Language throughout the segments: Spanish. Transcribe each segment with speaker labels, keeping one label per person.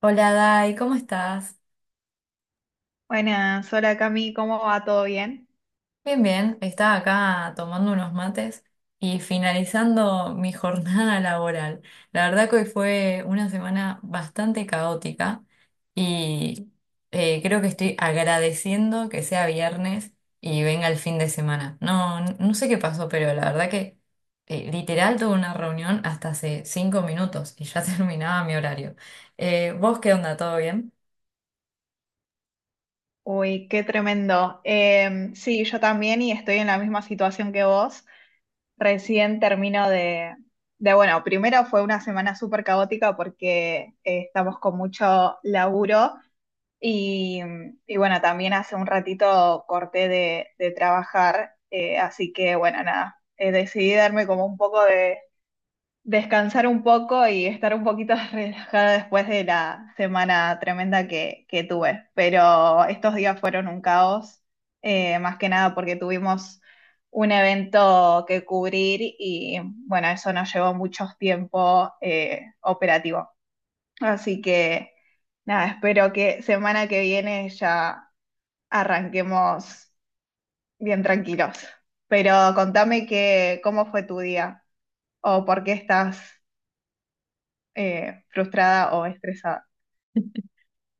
Speaker 1: Hola Dai, ¿cómo estás?
Speaker 2: Buenas, hola Cami, ¿cómo va? ¿Todo bien?
Speaker 1: Bien, bien, estaba acá tomando unos mates y finalizando mi jornada laboral. La verdad que hoy fue una semana bastante caótica y creo que estoy agradeciendo que sea viernes y venga el fin de semana. No sé qué pasó, pero la verdad que literal tuve una reunión hasta hace 5 minutos y ya terminaba mi horario. ¿Vos qué onda? ¿Todo bien?
Speaker 2: Uy, qué tremendo. Sí, yo también y estoy en la misma situación que vos. Recién termino de bueno, primero fue una semana súper caótica porque estamos con mucho laburo y, y bueno, también hace un ratito corté de trabajar, así que bueno, nada, decidí darme como un poco, descansar un poco y estar un poquito relajada después de la semana tremenda que tuve. Pero estos días fueron un caos, más que nada porque tuvimos un evento que cubrir y bueno, eso nos llevó mucho tiempo operativo. Así que nada, espero que semana que viene ya arranquemos bien tranquilos. Pero contame cómo fue tu día o por qué estás frustrada o estresada.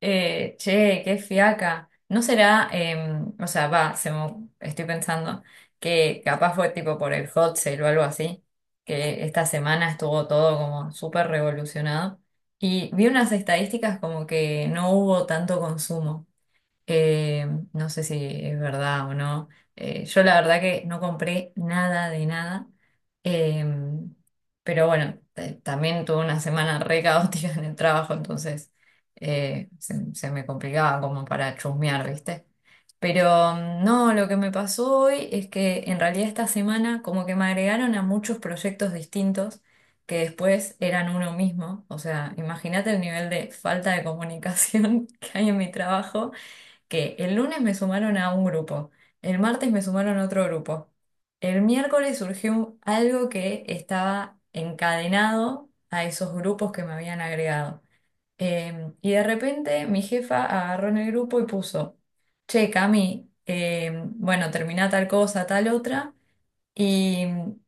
Speaker 1: Che, qué fiaca. ¿No será, o sea, va, estoy pensando que capaz fue tipo por el hot sale o algo así, que esta semana estuvo todo como súper revolucionado. Y vi unas estadísticas como que no hubo tanto consumo. Eh, no sé si es verdad o no. Yo la verdad que no compré nada de nada. Eh, pero bueno, también tuve una semana re caótica en el trabajo, entonces se me complicaba como para chusmear, ¿viste? Pero mm, no, lo que me pasó hoy es que en realidad esta semana como que me agregaron a muchos proyectos distintos que después eran uno mismo. O sea, imagínate el nivel de falta de comunicación que hay en mi trabajo, que el lunes me sumaron a un grupo, el martes me sumaron a otro grupo, el miércoles surgió algo que estaba encadenado a esos grupos que me habían agregado. Y de repente mi jefa agarró en el grupo y puso, che, Cami, bueno, termina tal cosa, tal otra. Y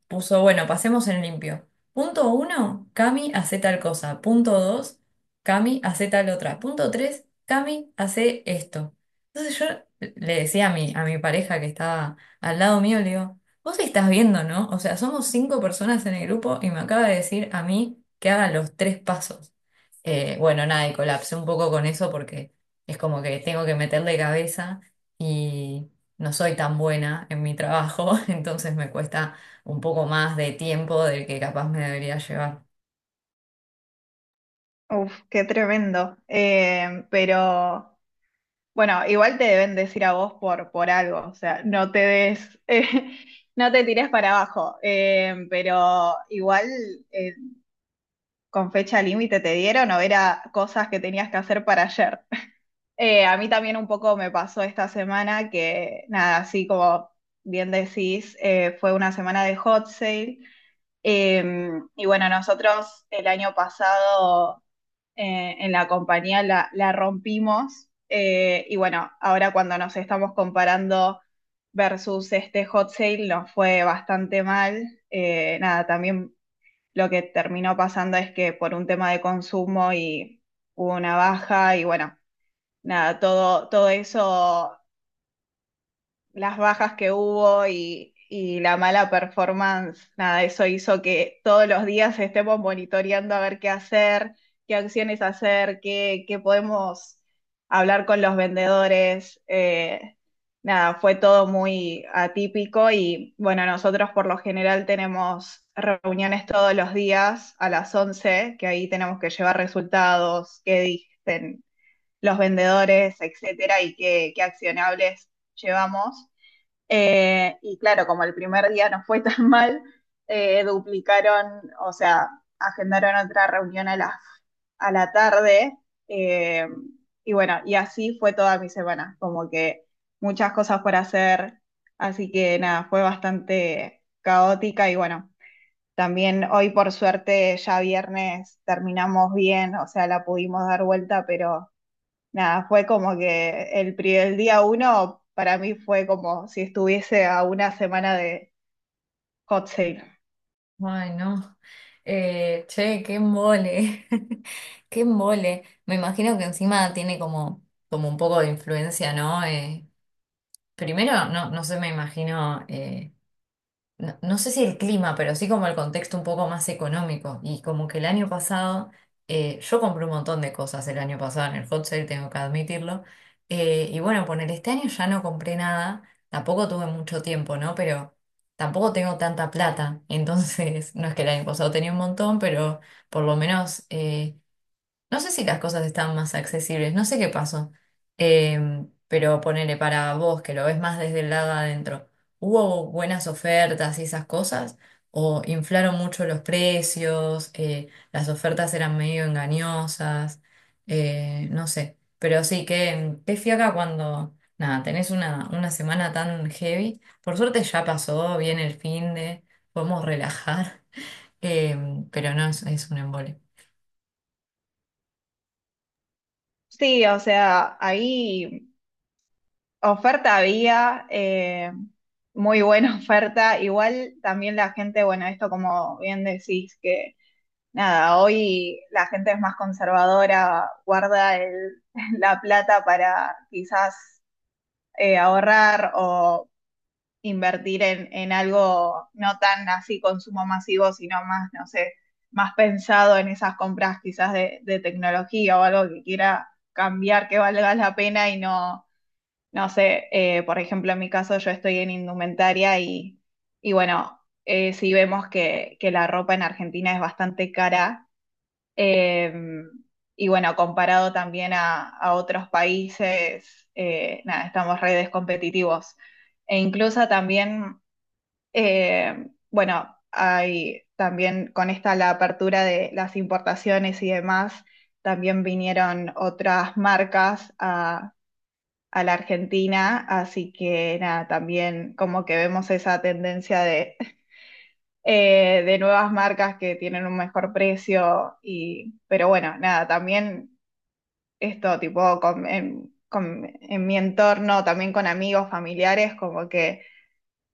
Speaker 1: puso, bueno, pasemos en limpio. Punto uno, Cami hace tal cosa. Punto dos, Cami hace tal otra. Punto tres, Cami hace esto. Entonces yo le decía a mi pareja que estaba al lado mío, le digo, vos estás viendo, ¿no? O sea, somos cinco personas en el grupo y me acaba de decir a mí que haga los tres pasos. Bueno, nada, y colapsé un poco con eso porque es como que tengo que meterle cabeza, no soy tan buena en mi trabajo, entonces me cuesta un poco más de tiempo del que capaz me debería llevar.
Speaker 2: Uf, qué tremendo. Pero bueno, igual te deben decir a vos por algo, o sea, no te des, no te tires para abajo. Pero igual, eh, ¿con fecha límite te dieron o era cosas que tenías que hacer para ayer? A mí también un poco me pasó esta semana que, nada, así como bien decís, fue una semana de hot sale. Eh, y bueno, nosotros el año pasado, en la compañía la rompimos. Y bueno, ahora cuando nos estamos comparando versus este hot sale nos fue bastante mal. Nada, también lo que terminó pasando es que por un tema de consumo y hubo una baja y bueno, nada, todo eso, las bajas que hubo y la mala performance, nada, eso hizo que todos los días estemos monitoreando a ver qué hacer, qué acciones hacer, qué podemos hablar con los vendedores. Nada, fue todo muy atípico y bueno, nosotros por lo general tenemos reuniones todos los días a las 11 que ahí tenemos que llevar resultados, qué dicen los vendedores, etcétera, y qué accionables llevamos. Y claro, como el primer día no fue tan mal, duplicaron, o sea, agendaron otra reunión a a la tarde. eh, y bueno, y así fue toda mi semana, como que muchas cosas por hacer. Así que nada, fue bastante caótica y bueno, también hoy por suerte ya viernes terminamos bien, o sea, la pudimos dar vuelta, pero nada, fue como que el, el día uno para mí fue como si estuviese a una semana de hot sale.
Speaker 1: Ay, no. Che, qué mole. Qué mole. Me imagino que encima tiene como, como un poco de influencia, ¿no? Primero, no sé, me imagino, no, no sé si el clima, pero sí como el contexto un poco más económico. Y como que el año pasado, yo compré un montón de cosas el año pasado en el hot sale, tengo que admitirlo. Y bueno, poner este año ya no compré nada, tampoco tuve mucho tiempo, ¿no? Pero tampoco tengo tanta plata. Entonces, no es que el año pasado tenía un montón, pero por lo menos, no sé si las cosas están más accesibles, no sé qué pasó. Eh, pero ponele para vos, que lo ves más desde el lado de adentro, ¿hubo buenas ofertas y esas cosas? ¿O inflaron mucho los precios? ¿Las ofertas eran medio engañosas? No sé. Pero sí, qué fiaca cuando, nada, tenés una semana tan heavy. Por suerte ya pasó bien el fin de, podemos relajar. Eh, pero no, es un embole.
Speaker 2: Sí, o sea, ahí oferta había, muy buena oferta. Igual también la gente, bueno, esto como bien decís, que nada, hoy la gente es más conservadora, guarda la plata para quizás ahorrar o invertir en algo no tan así consumo masivo, sino más, no sé, más pensado en esas compras quizás de tecnología o algo que quiera cambiar, que valga la pena y no, no sé, por ejemplo, en mi caso yo estoy en indumentaria y bueno, sí vemos que la ropa en Argentina es bastante cara. eh, y bueno, comparado también a otros países, nada, estamos redes competitivos. E incluso también, bueno, hay también con esta la apertura de las importaciones y demás, también vinieron otras marcas a la Argentina, así que nada, también como que vemos esa tendencia de, de nuevas marcas que tienen un mejor precio y, pero bueno, nada, también esto tipo en mi entorno, también con amigos, familiares, como que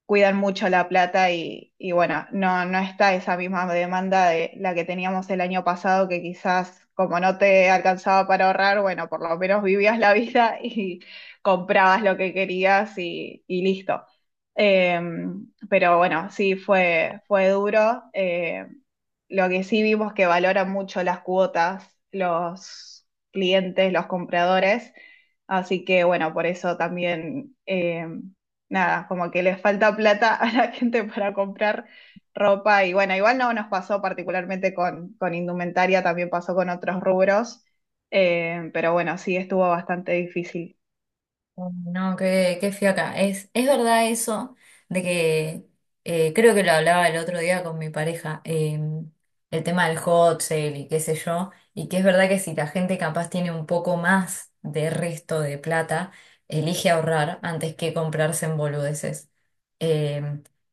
Speaker 2: cuidan mucho la plata y bueno, no está esa misma demanda de la que teníamos el año pasado, que quizás como no te alcanzaba para ahorrar, bueno, por lo menos vivías la vida y comprabas lo que querías y listo. Eh, pero bueno, sí, fue duro. Lo que sí vimos que valoran mucho las cuotas los clientes, los compradores, así que bueno, por eso también, nada, como que les falta plata a la gente para comprar ropa y bueno, igual no nos pasó particularmente con indumentaria, también pasó con otros rubros, pero bueno, sí estuvo bastante difícil.
Speaker 1: No, qué fiaca. Es verdad eso de que creo que lo hablaba el otro día con mi pareja, el tema del hot sale y qué sé yo, y que es verdad que si la gente capaz tiene un poco más de resto de plata, elige ahorrar antes que comprarse en boludeces. Eh,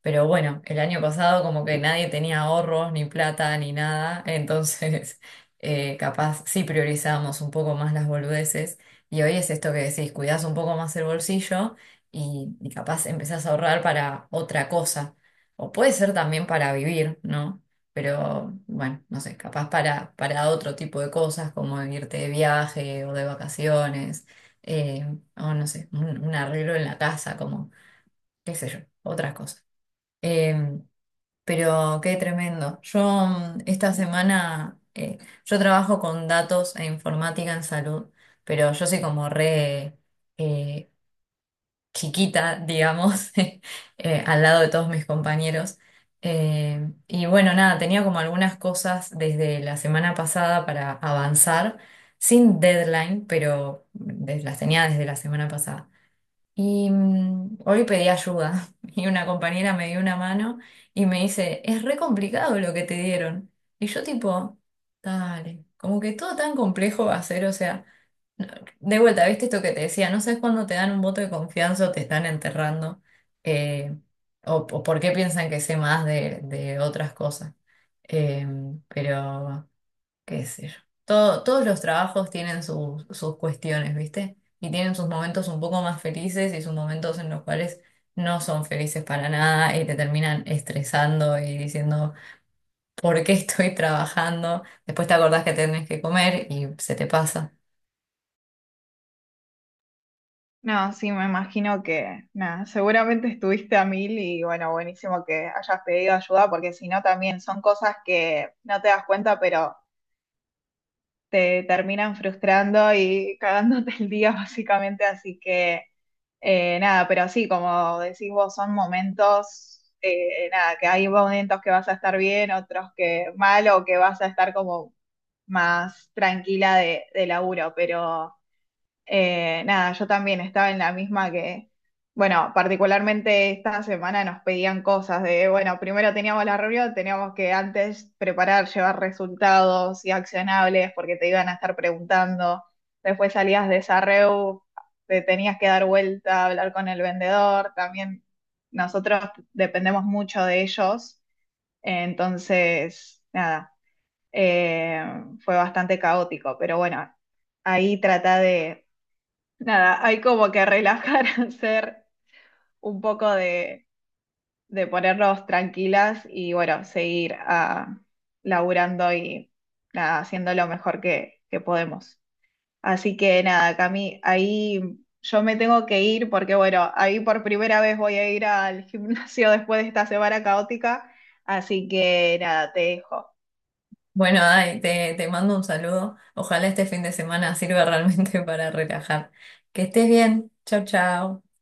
Speaker 1: pero bueno, el año pasado como que nadie tenía ahorros, ni plata, ni nada, entonces capaz sí priorizábamos un poco más las boludeces. Y hoy es esto que decís, cuidás un poco más el bolsillo y capaz empezás a ahorrar para otra cosa. O puede ser también para vivir, ¿no? Pero bueno, no sé, capaz para otro tipo de cosas como irte de viaje o de vacaciones, eh, o no sé, un arreglo en la casa, como qué sé yo, otras cosas. Em, pero qué tremendo. Yo mm, esta semana, yo trabajo con datos e informática en salud, pero yo soy como re, eh, chiquita, digamos, al lado de todos mis compañeros. Y bueno, nada, tenía como algunas cosas desde la semana pasada para avanzar, sin deadline, pero las tenía desde la semana pasada. Y mm, hoy pedí ayuda y una compañera me dio una mano y me dice, es re complicado lo que te dieron. Y yo tipo, dale, como que todo tan complejo va a ser, o sea, no- de vuelta, ¿viste esto que te decía? No sabes cuándo te dan un voto de confianza o te están enterrando, eh, o por qué piensan que sé más de otras cosas. Eh, pero qué sé yo. Todos los trabajos tienen sus, sus cuestiones, ¿viste? Y tienen sus momentos un poco más felices y sus momentos en los cuales no son felices para nada y te terminan estresando y diciendo, ¿por qué estoy trabajando? Después te acordás que tenés que comer y se te pasa.
Speaker 2: No, sí, me imagino que, nada, seguramente estuviste a mil y bueno, buenísimo que hayas pedido ayuda porque si no también son cosas que no te das cuenta, pero te terminan frustrando y cagándote el día básicamente, así que nada, pero sí, como decís vos, son momentos, nada, que hay momentos que vas a estar bien, otros que mal o que vas a estar como más tranquila de laburo, pero... Nada, yo también estaba en la misma que, bueno, particularmente esta semana nos pedían cosas de, bueno, primero teníamos la reunión, teníamos que antes preparar, llevar resultados y accionables porque te iban a estar preguntando, después salías de esa reu, te tenías que dar vuelta, hablar con el vendedor, también nosotros dependemos mucho de ellos, entonces, nada, eh, fue bastante caótico, pero bueno, ahí trata de, nada, hay como que relajar, hacer un poco de ponernos tranquilas y bueno, seguir ah, laburando y nada, haciendo lo mejor que podemos. Así que nada, Cami, ahí yo me tengo que ir porque bueno, ahí por primera vez voy a ir al gimnasio después de esta semana caótica, así que nada, te dejo.
Speaker 1: Bueno, Dai, te mando un saludo. Ojalá este fin de semana sirva realmente para relajar. Que estés bien. Chau, chau.